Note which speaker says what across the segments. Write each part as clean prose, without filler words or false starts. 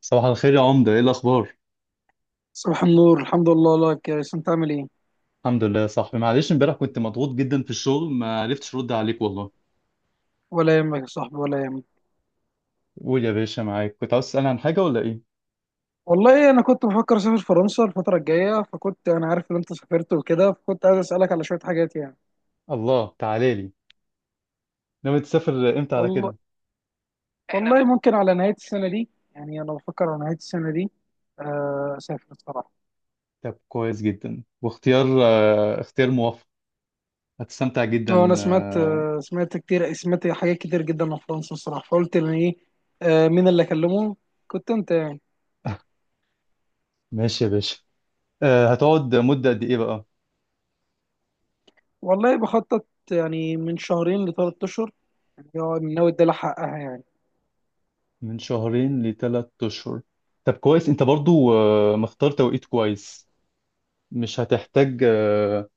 Speaker 1: صباح الخير يا عمدة، ايه الاخبار؟
Speaker 2: صباح النور، الحمد لله لك يا ريس، انت عامل ايه؟
Speaker 1: الحمد لله يا صاحبي، معلش امبارح كنت مضغوط جدا في الشغل، ما عرفتش ارد عليك والله.
Speaker 2: ولا يهمك يا صاحبي، ولا يهمك.
Speaker 1: قول يا باشا، معاك. كنت عاوز تسألني عن حاجة ولا ايه؟
Speaker 2: والله انا كنت بفكر اسافر فرنسا الفتره الجايه، فكنت انا عارف ان انت سافرت وكده، فكنت عايز اسالك على شويه حاجات يعني.
Speaker 1: الله تعالى لي. ناوي تسافر امتى على
Speaker 2: والله
Speaker 1: كده؟
Speaker 2: والله ممكن على نهايه السنه دي، يعني انا بفكر على نهايه السنه دي. اسافر الصراحه.
Speaker 1: طب كويس جدا، واختيار اختيار موفق. هتستمتع
Speaker 2: اه،
Speaker 1: جدا.
Speaker 2: انا سمعت آه، سمعت كتير، سمعت حاجات كتير جدا عن فرنسا الصراحه، فقلت ان ايه. مين اللي اكلمه؟ كنت انت يعني.
Speaker 1: ماشي يا باشا. هتقعد مدة قد ايه بقى؟
Speaker 2: والله بخطط، يعني من شهرين لثلاث اشهر، يعني هو ناوي ادي لها حقها يعني.
Speaker 1: من شهرين لثلاث اشهر. طب كويس، انت برضو مختار توقيت كويس. مش هتحتاج آه،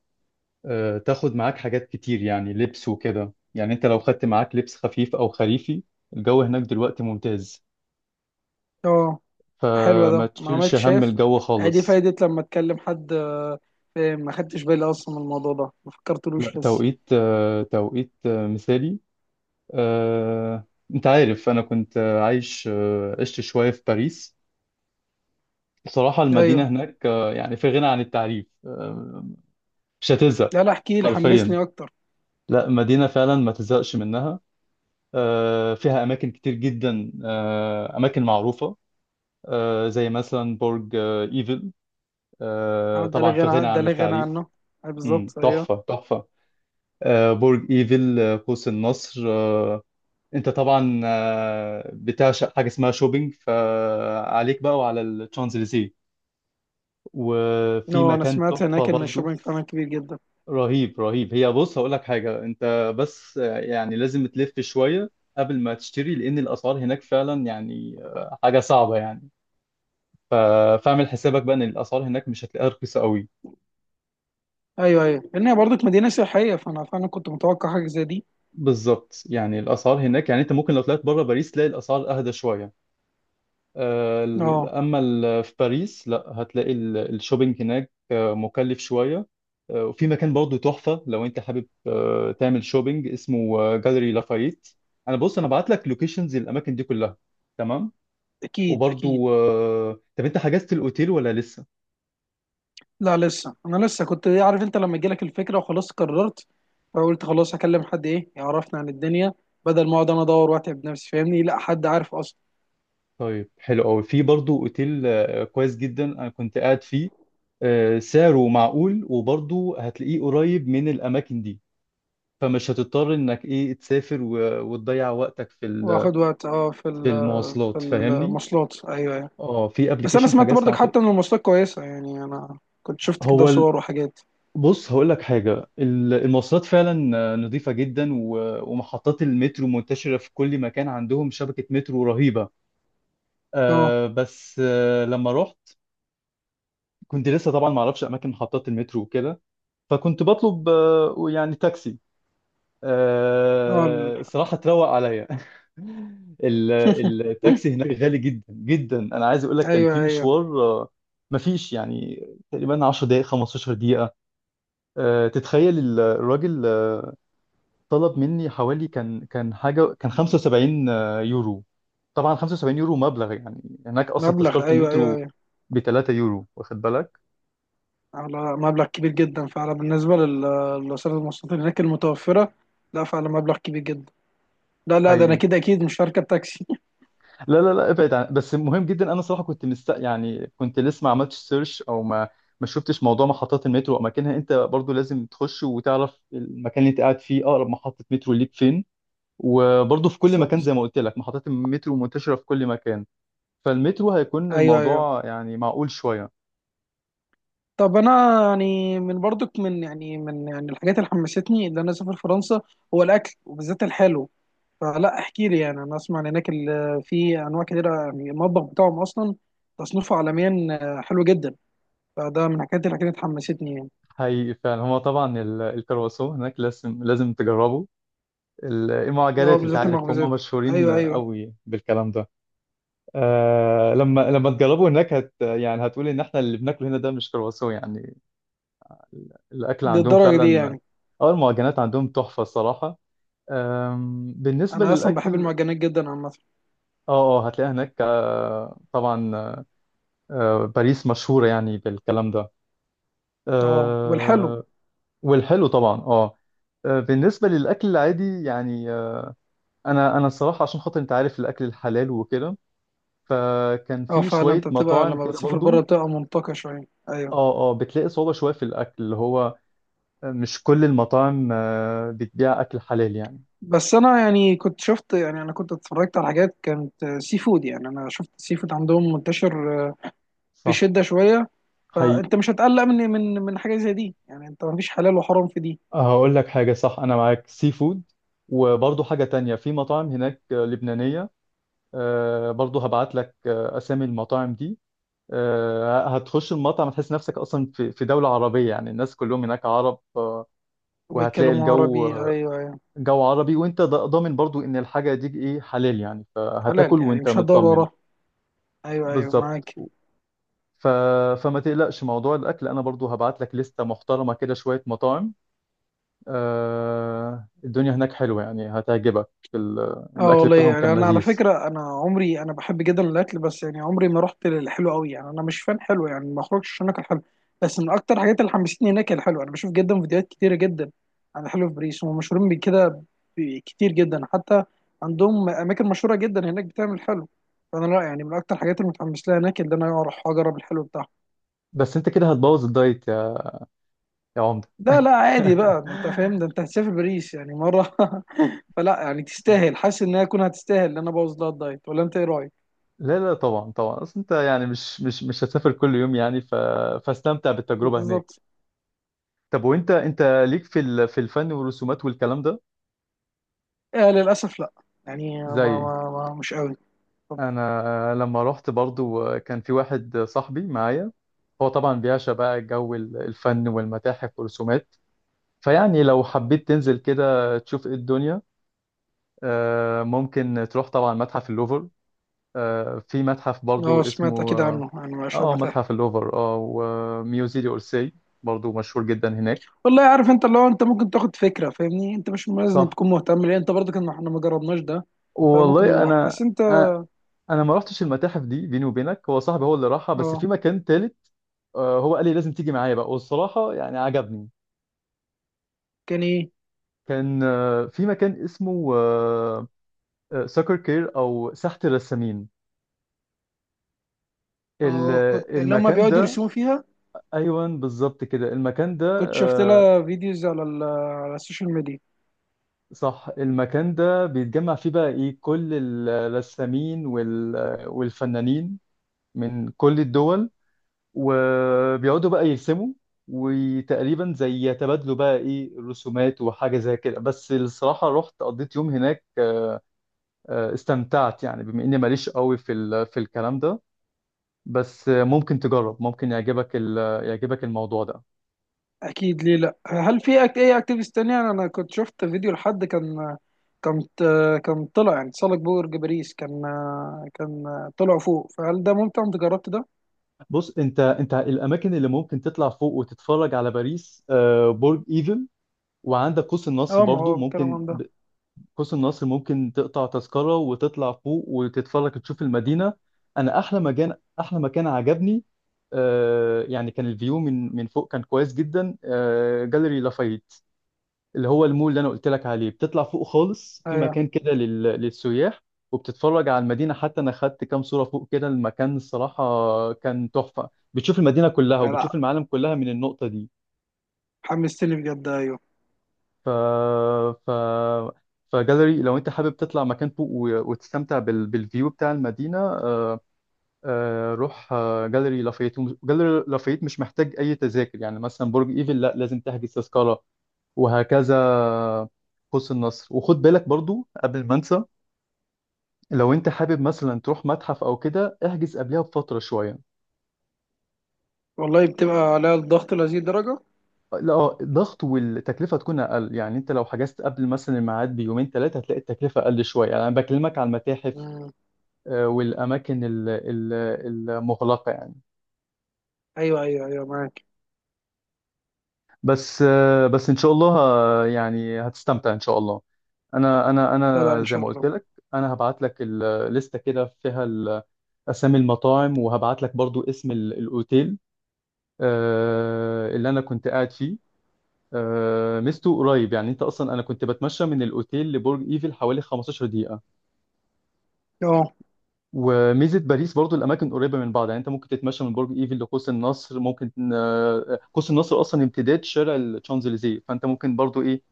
Speaker 1: آه، تاخد معاك حاجات كتير، يعني لبس وكده. يعني انت لو خدت معاك لبس خفيف او خريفي، الجو هناك دلوقتي ممتاز،
Speaker 2: اه، حلو
Speaker 1: فما
Speaker 2: ده، ما
Speaker 1: تشيلش
Speaker 2: عملتش
Speaker 1: هم
Speaker 2: شايف.
Speaker 1: الجو
Speaker 2: ادي
Speaker 1: خالص.
Speaker 2: فايدة لما اتكلم حد، فاهم، ما خدتش بالي اصلا من الموضوع ده، ما
Speaker 1: لا،
Speaker 2: فكرتلوش لسه.
Speaker 1: توقيت توقيت مثالي. آه، انت عارف انا كنت آه، عايش آه، عشت شوية في باريس. بصراحة
Speaker 2: ايوه.
Speaker 1: المدينة هناك، يعني في غنى عن التعريف. مش هتزهق
Speaker 2: لا لا، احكي لي،
Speaker 1: حرفيا.
Speaker 2: حمسني اكتر.
Speaker 1: لا، مدينة فعلا ما تزهقش منها. فيها أماكن كتير جدا، أماكن معروفة، زي مثلا برج ايفل. طبعا في غنى
Speaker 2: ده
Speaker 1: عن
Speaker 2: لا غنى
Speaker 1: التعريف.
Speaker 2: عنه. بالظبط، ايوه.
Speaker 1: تحفة تحفة. برج ايفل، قوس النصر. انت طبعا بتعشق حاجة اسمها شوبينج، فعليك بقى وعلى الشانزليزيه، وفي
Speaker 2: اه، انا
Speaker 1: مكان
Speaker 2: سمعت
Speaker 1: تحفة
Speaker 2: هناك ان
Speaker 1: برضو.
Speaker 2: الشوبينج فعلا كبير جدا.
Speaker 1: رهيب رهيب. هي بص، هقول لك حاجة، انت بس يعني لازم تلف شوية قبل ما تشتري، لان الاسعار هناك فعلا يعني حاجة صعبة يعني. ف- فاعمل حسابك بقى ان الاسعار هناك مش هتلاقيها رخيصة قوي.
Speaker 2: ايوه ايوه، لان هي برضك مدينه سياحيه، فانا فعلا كنت متوقع حاجه زي دي.
Speaker 1: بالظبط، يعني الاسعار هناك، يعني انت ممكن لو طلعت بره باريس تلاقي الاسعار اهدى شويه.
Speaker 2: اه.
Speaker 1: في باريس لا، هتلاقي الشوبينج هناك مكلف شويه. وفي مكان برضه تحفه، لو انت حابب تعمل شوبينج، اسمه جاليري لافايت. انا بص، انا بعت لك لوكيشنز الاماكن دي كلها. تمام.
Speaker 2: اكيد
Speaker 1: وبرضه
Speaker 2: اكيد.
Speaker 1: طب انت حجزت الاوتيل ولا لسه؟
Speaker 2: لا لسه، انا لسه كنت عارف انت لما جالك الفكره وخلاص قررت، فقلت خلاص هكلم حد ايه يعرفنا عن الدنيا، بدل ما اقعد انا ادور واتعب نفسي، فاهمني، لا حد عارف اصلا.
Speaker 1: طيب، حلو قوي. في برضه اوتيل كويس جدا انا كنت قاعد فيه. سعره معقول، وبرضه هتلاقيه قريب من الاماكن دي، فمش هتضطر انك ايه تسافر وتضيع وقتك في
Speaker 2: واخد وقت،
Speaker 1: في
Speaker 2: في
Speaker 1: المواصلات، فاهمني.
Speaker 2: المواصلات، ايوه ايوه.
Speaker 1: اه، في
Speaker 2: بس انا
Speaker 1: ابلكيشن
Speaker 2: سمعت
Speaker 1: حجزت
Speaker 2: برضك
Speaker 1: عن طريق.
Speaker 2: حتى ان المواصلات كويسه، يعني انا كنت شفت كده
Speaker 1: هو ال-
Speaker 2: صور وحاجات.
Speaker 1: بص هقول لك حاجه، المواصلات فعلا نظيفه جدا، ومحطات المترو منتشره في كل مكان، عندهم شبكه مترو رهيبه.
Speaker 2: اه
Speaker 1: آه بس، آه لما رحت كنت لسه طبعا ما اعرفش اماكن محطات المترو وكده، فكنت بطلب يعني تاكسي.
Speaker 2: اه،
Speaker 1: الصراحة تروق عليا. ال- التاكسي هناك غالي جدا جدا. انا عايز اقول لك، كان
Speaker 2: ايوه
Speaker 1: في
Speaker 2: ايوه،
Speaker 1: مشوار مفيش يعني، تقريبا 10 دقائق 15 دقيقة، تتخيل الراجل طلب مني حوالي، كان كان حاجة كان 75 يورو. طبعا 75 يورو مبلغ، يعني هناك اصلا
Speaker 2: مبلغ،
Speaker 1: تذكرة
Speaker 2: ايوه ايوه
Speaker 1: المترو
Speaker 2: ايوه،
Speaker 1: ب 3 يورو، واخد بالك؟
Speaker 2: على مبلغ كبير جدا فعلا، بالنسبه لوسائل المواصلات اللي هناك المتوفره. لا، فعلا مبلغ كبير جدا. لا لا، ده انا
Speaker 1: حقيقي.
Speaker 2: كده اكيد مش هركب تاكسي.
Speaker 1: لا لا لا، ابعد عن، بس مهم جدا. انا صراحه كنت مست، يعني كنت لسه ما عملتش سيرش، او ما ما شفتش موضوع محطات المترو واماكنها. انت برضو لازم تخش وتعرف المكان اللي انت قاعد فيه اقرب محطه مترو ليك فين. وبرضو في كل مكان،
Speaker 2: بالظبط،
Speaker 1: زي ما قلت لك، محطات المترو منتشره في كل مكان، فالمترو هيكون
Speaker 2: ايوه ايوه.
Speaker 1: الموضوع يعني معقول شويه.
Speaker 2: طب انا يعني من برضك من يعني من يعني الحاجات اللي حمستني ان انا اسافر فرنسا، هو الاكل وبالذات الحلو. فلا، احكي لي، يعني انا اسمع ان هناك في انواع كتيره، يعني المطبخ بتاعهم اصلا تصنيفه عالميا حلو جدا، فده من الحاجات اللي كانت حمستني يعني.
Speaker 1: حقيقي فعلا. هو طبعا الكرواسون هناك لازم لازم تجربه.
Speaker 2: اه،
Speaker 1: المعجنات، انت
Speaker 2: بالذات
Speaker 1: عارف هم
Speaker 2: المخبوزات.
Speaker 1: مشهورين
Speaker 2: ايوه ايوه،
Speaker 1: قوي بالكلام ده. آه، لما تجربوا هناك، هت يعني هتقول ان احنا اللي بناكله هنا ده مش كرواسون يعني. الاكل عندهم
Speaker 2: للدرجه دي
Speaker 1: فعلا.
Speaker 2: يعني.
Speaker 1: اه، المعجنات عندهم تحفه الصراحه. بالنسبه
Speaker 2: انا اصلا بحب
Speaker 1: للاكل،
Speaker 2: المعجنات جدا عامه.
Speaker 1: اه اه هتلاقي هناك آه طبعا، آه باريس مشهوره يعني بالكلام ده.
Speaker 2: اه، والحلو.
Speaker 1: آه. والحلو طبعا، اه. بالنسبه للاكل العادي يعني، انا الصراحه عشان خاطر، انت عارف، الاكل الحلال وكده، فكان
Speaker 2: اه
Speaker 1: في
Speaker 2: فعلا،
Speaker 1: شويه
Speaker 2: انت بتبقى
Speaker 1: مطاعم
Speaker 2: لما
Speaker 1: كده
Speaker 2: بتسافر بره
Speaker 1: برضو.
Speaker 2: بتبقى منطقه شويه، ايوه.
Speaker 1: اه اه، بتلاقي صعوبة شوية في الأكل، اللي هو مش كل المطاعم بتبيع أكل حلال يعني.
Speaker 2: بس انا يعني كنت شفت، يعني انا كنت اتفرجت على حاجات كانت سي فود، يعني انا شفت السي فود عندهم منتشر
Speaker 1: صح.
Speaker 2: بشده شويه،
Speaker 1: حقيقي.
Speaker 2: فانت مش هتقلق من حاجه زي دي، يعني انت مفيش حلال وحرام في دي.
Speaker 1: هقول لك حاجة، صح أنا معاك، سي فود، وبرضه حاجة تانية، في مطاعم هناك لبنانية. برضه هبعت لك أسامي المطاعم دي. هتخش المطعم هتحس نفسك أصلا في في دولة عربية، يعني الناس كلهم هناك عرب. وهتلاقي
Speaker 2: وبيتكلموا
Speaker 1: الجو
Speaker 2: عربي، ايوه. ايوه،
Speaker 1: جو عربي، وأنت ضامن برضه إن الحاجة دي إيه حلال يعني، فهتاكل
Speaker 2: حلال، يعني
Speaker 1: وأنت
Speaker 2: مش هتدور
Speaker 1: مطمن.
Speaker 2: وراه. ايوه ايوه،
Speaker 1: بالظبط.
Speaker 2: معاك.
Speaker 1: ف... فما تقلقش موضوع الاكل، انا برضو هبعت لك لستة محترمة كده شوية مطاعم. الدنيا هناك حلوة يعني، هتعجبك. ال...
Speaker 2: اه
Speaker 1: الاكل
Speaker 2: والله،
Speaker 1: بتاعهم
Speaker 2: يعني
Speaker 1: كان
Speaker 2: انا على
Speaker 1: لذيذ.
Speaker 2: فكره انا عمري انا بحب جدا الاكل، بس يعني عمري ما رحت للحلو قوي، يعني انا مش فان حلو، يعني ما اخرجش عشان اكل حلو. بس من اكتر الحاجات اللي حمستني هناك هي الحلو، انا بشوف جدا فيديوهات كتيره جدا عن الحلو في باريس، هم مشهورين بكده كتير جدا حتى، عندهم اماكن مشهوره جدا هناك بتعمل حلو، فانا لا يعني من اكتر الحاجات اللي متحمس لها هناك اللي انا اروح اجرب الحلو بتاعهم.
Speaker 1: بس انت كده هتبوظ الدايت، يا عمدة.
Speaker 2: لا لا، عادي بقى، ده انت فاهم، ده انت هتسافر باريس يعني مره. فلا يعني تستاهل، حاسس انها تكون هتستاهل ان انا ابوظ لها الدايت، ولا انت ايه رايك؟
Speaker 1: لا لا، طبعا طبعا، اصل انت يعني مش هتسافر كل يوم يعني، فاستمتع بالتجربة هناك.
Speaker 2: بالظبط.
Speaker 1: طب وانت، انت ليك في في الفن والرسومات والكلام ده؟
Speaker 2: آه، للاسف لا، يعني ما
Speaker 1: زي،
Speaker 2: ما ما مش قوي. طب.
Speaker 1: انا لما رحت برضو كان في واحد صاحبي معايا، هو طبعا بيعشق بقى جو الفن والمتاحف والرسومات. فيعني لو حبيت تنزل كده تشوف ايه الدنيا، ممكن تروح طبعا متحف اللوفر. في متحف برضو
Speaker 2: اه،
Speaker 1: اسمه
Speaker 2: سمعت اكيد
Speaker 1: اه،
Speaker 2: عنه يعني ما شاء الله تعالى.
Speaker 1: متحف اللوفر، اه، وميوزي دي اورسي، برضو مشهور جدا هناك.
Speaker 2: والله عارف، انت اللي هو انت ممكن تاخد فكره فاهمني، انت مش لازم
Speaker 1: صح.
Speaker 2: تكون مهتم، لان انت برضه كان احنا ما جربناش ده، فممكن
Speaker 1: والله
Speaker 2: نروح،
Speaker 1: انا
Speaker 2: بس انت.
Speaker 1: آه، انا ما رحتش المتاحف دي بيني وبينك، هو صاحبي هو اللي راحها. بس في
Speaker 2: اه،
Speaker 1: مكان تالت هو قال لي لازم تيجي معايا بقى، والصراحة يعني عجبني.
Speaker 2: كان ايه؟
Speaker 1: كان في مكان اسمه ساكر كير او ساحة الرسامين. ال-
Speaker 2: اه، كنت لما
Speaker 1: المكان
Speaker 2: بيقعدوا
Speaker 1: ده،
Speaker 2: يرسموا فيها،
Speaker 1: ايوان بالظبط كده المكان ده.
Speaker 2: كنت شفت
Speaker 1: آه،
Speaker 2: لها فيديوز على السوشيال ميديا.
Speaker 1: صح، المكان ده بيتجمع فيه بقى ايه كل الرسامين والفنانين من كل الدول، وبيقعدوا بقى يرسموا، وتقريبا زي يتبادلوا بقى ايه الرسومات وحاجة زي كده. بس الصراحة رحت قضيت يوم هناك، استمتعت يعني، بما اني ماليش قوي في في الكلام ده، بس ممكن تجرب، ممكن يعجبك يعجبك الموضوع ده.
Speaker 2: اكيد، ليه لا؟ هل في اي اكتيفيست تانية؟ انا كنت شفت فيديو لحد كان، كان طلع يعني تسلق برج باريس، كان كان طلع فوق، فهل ده ممتع؟ انت جربت ده؟
Speaker 1: بص انت، انت الاماكن اللي ممكن تطلع فوق وتتفرج على باريس برج ايفل، وعندك قوس النصر
Speaker 2: اه، ما
Speaker 1: برضو
Speaker 2: هو الكلام
Speaker 1: ممكن
Speaker 2: عن ده.
Speaker 1: قوس النصر ممكن تقطع تذكرة وتطلع فوق وتتفرج، تشوف المدينة. انا احلى مكان، احلى مكان عجبني يعني، كان الفيو من من فوق كان كويس جدا، جاليري لافايت، اللي هو المول اللي انا قلت لك عليه، بتطلع فوق خالص في
Speaker 2: ايوه.
Speaker 1: مكان كده للسياح، وبتتفرج على المدينه. حتى انا خدت كام صوره فوق كده، المكان الصراحه كان تحفه، بتشوف المدينه كلها وبتشوف
Speaker 2: لا،
Speaker 1: المعالم كلها من النقطه دي.
Speaker 2: حمستني بجد، ايوه.
Speaker 1: ف ف فجاليري، لو انت حابب تطلع مكان فوق وتستمتع بالفيو بتاع المدينه، روح جاليري لافيت. جاليري لافيت مش محتاج اي تذاكر، يعني مثلا برج ايفل لا، لازم تحجز تذكره، وهكذا. قوس النصر، وخد بالك برضو قبل ما انسى، لو انت حابب مثلا تروح متحف او كده، احجز قبلها بفتره شويه.
Speaker 2: والله بتبقى عليها الضغط لهذه الدرجة؟
Speaker 1: لا الضغط والتكلفه تكون اقل، يعني انت لو حجزت قبل مثلا الميعاد بيومين ثلاثه هتلاقي التكلفه اقل شويه، يعني انا بكلمك على المتاحف
Speaker 2: مم.
Speaker 1: والاماكن المغلقه يعني.
Speaker 2: ايوه ايوه ايوه، معاك.
Speaker 1: بس بس ان شاء الله يعني هتستمتع ان شاء الله. انا انا
Speaker 2: لا لا،
Speaker 1: انا
Speaker 2: ان
Speaker 1: زي
Speaker 2: شاء
Speaker 1: ما قلت
Speaker 2: الله.
Speaker 1: لك، انا هبعت لك الليسته كده فيها اسامي المطاعم، وهبعت لك برضو اسم الاوتيل اللي انا كنت قاعد فيه. ميزته قريب، يعني انت اصلا انا كنت بتمشى من الاوتيل لبرج ايفل حوالي 15 دقيقة.
Speaker 2: اه،
Speaker 1: وميزة باريس برضو الاماكن قريبة من بعض، يعني انت ممكن تتمشى من برج ايفل لقوس النصر، ممكن قوس النصر اصلا امتداد شارع الشانزليزيه، فانت ممكن برضو ايه،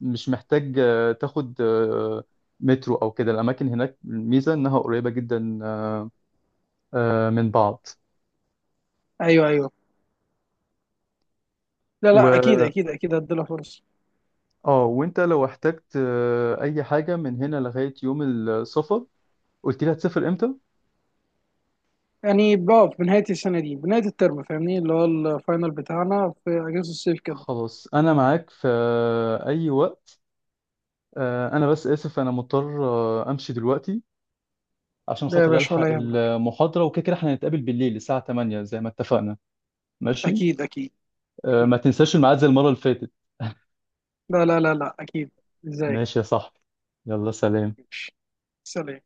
Speaker 1: مش محتاج آه، تاخد آه، مترو او كده. الاماكن هناك الميزة انها قريبة جدا من بعض.
Speaker 2: ايوه ايوه. لا لا، اكيد
Speaker 1: و
Speaker 2: اكيد اكيد، هديلها فرصة.
Speaker 1: اه وانت لو احتجت اي حاجة من هنا لغاية يوم السفر، قلت لي هتسافر امتى؟
Speaker 2: يعني بقى في نهاية السنة دي، بنهاية الترم فاهمني اللي هو الفاينل بتاعنا في اجازة الصيف كده.
Speaker 1: خلاص، انا معاك في اي وقت. انا بس اسف انا مضطر امشي دلوقتي، عشان
Speaker 2: ده يا
Speaker 1: خاطر
Speaker 2: باشا،
Speaker 1: الحق
Speaker 2: ولا يهمك.
Speaker 1: المحاضرة وكده، كده احنا هنتقابل بالليل الساعة 8 زي ما اتفقنا. ماشي.
Speaker 2: اكيد اكيد اكيد،
Speaker 1: ما تنساش الميعاد زي المرة اللي فاتت.
Speaker 2: لا لا لا لا، اكيد. ازاي؟
Speaker 1: ماشي يا صاحبي، يلا سلام.
Speaker 2: ماشي، سلام.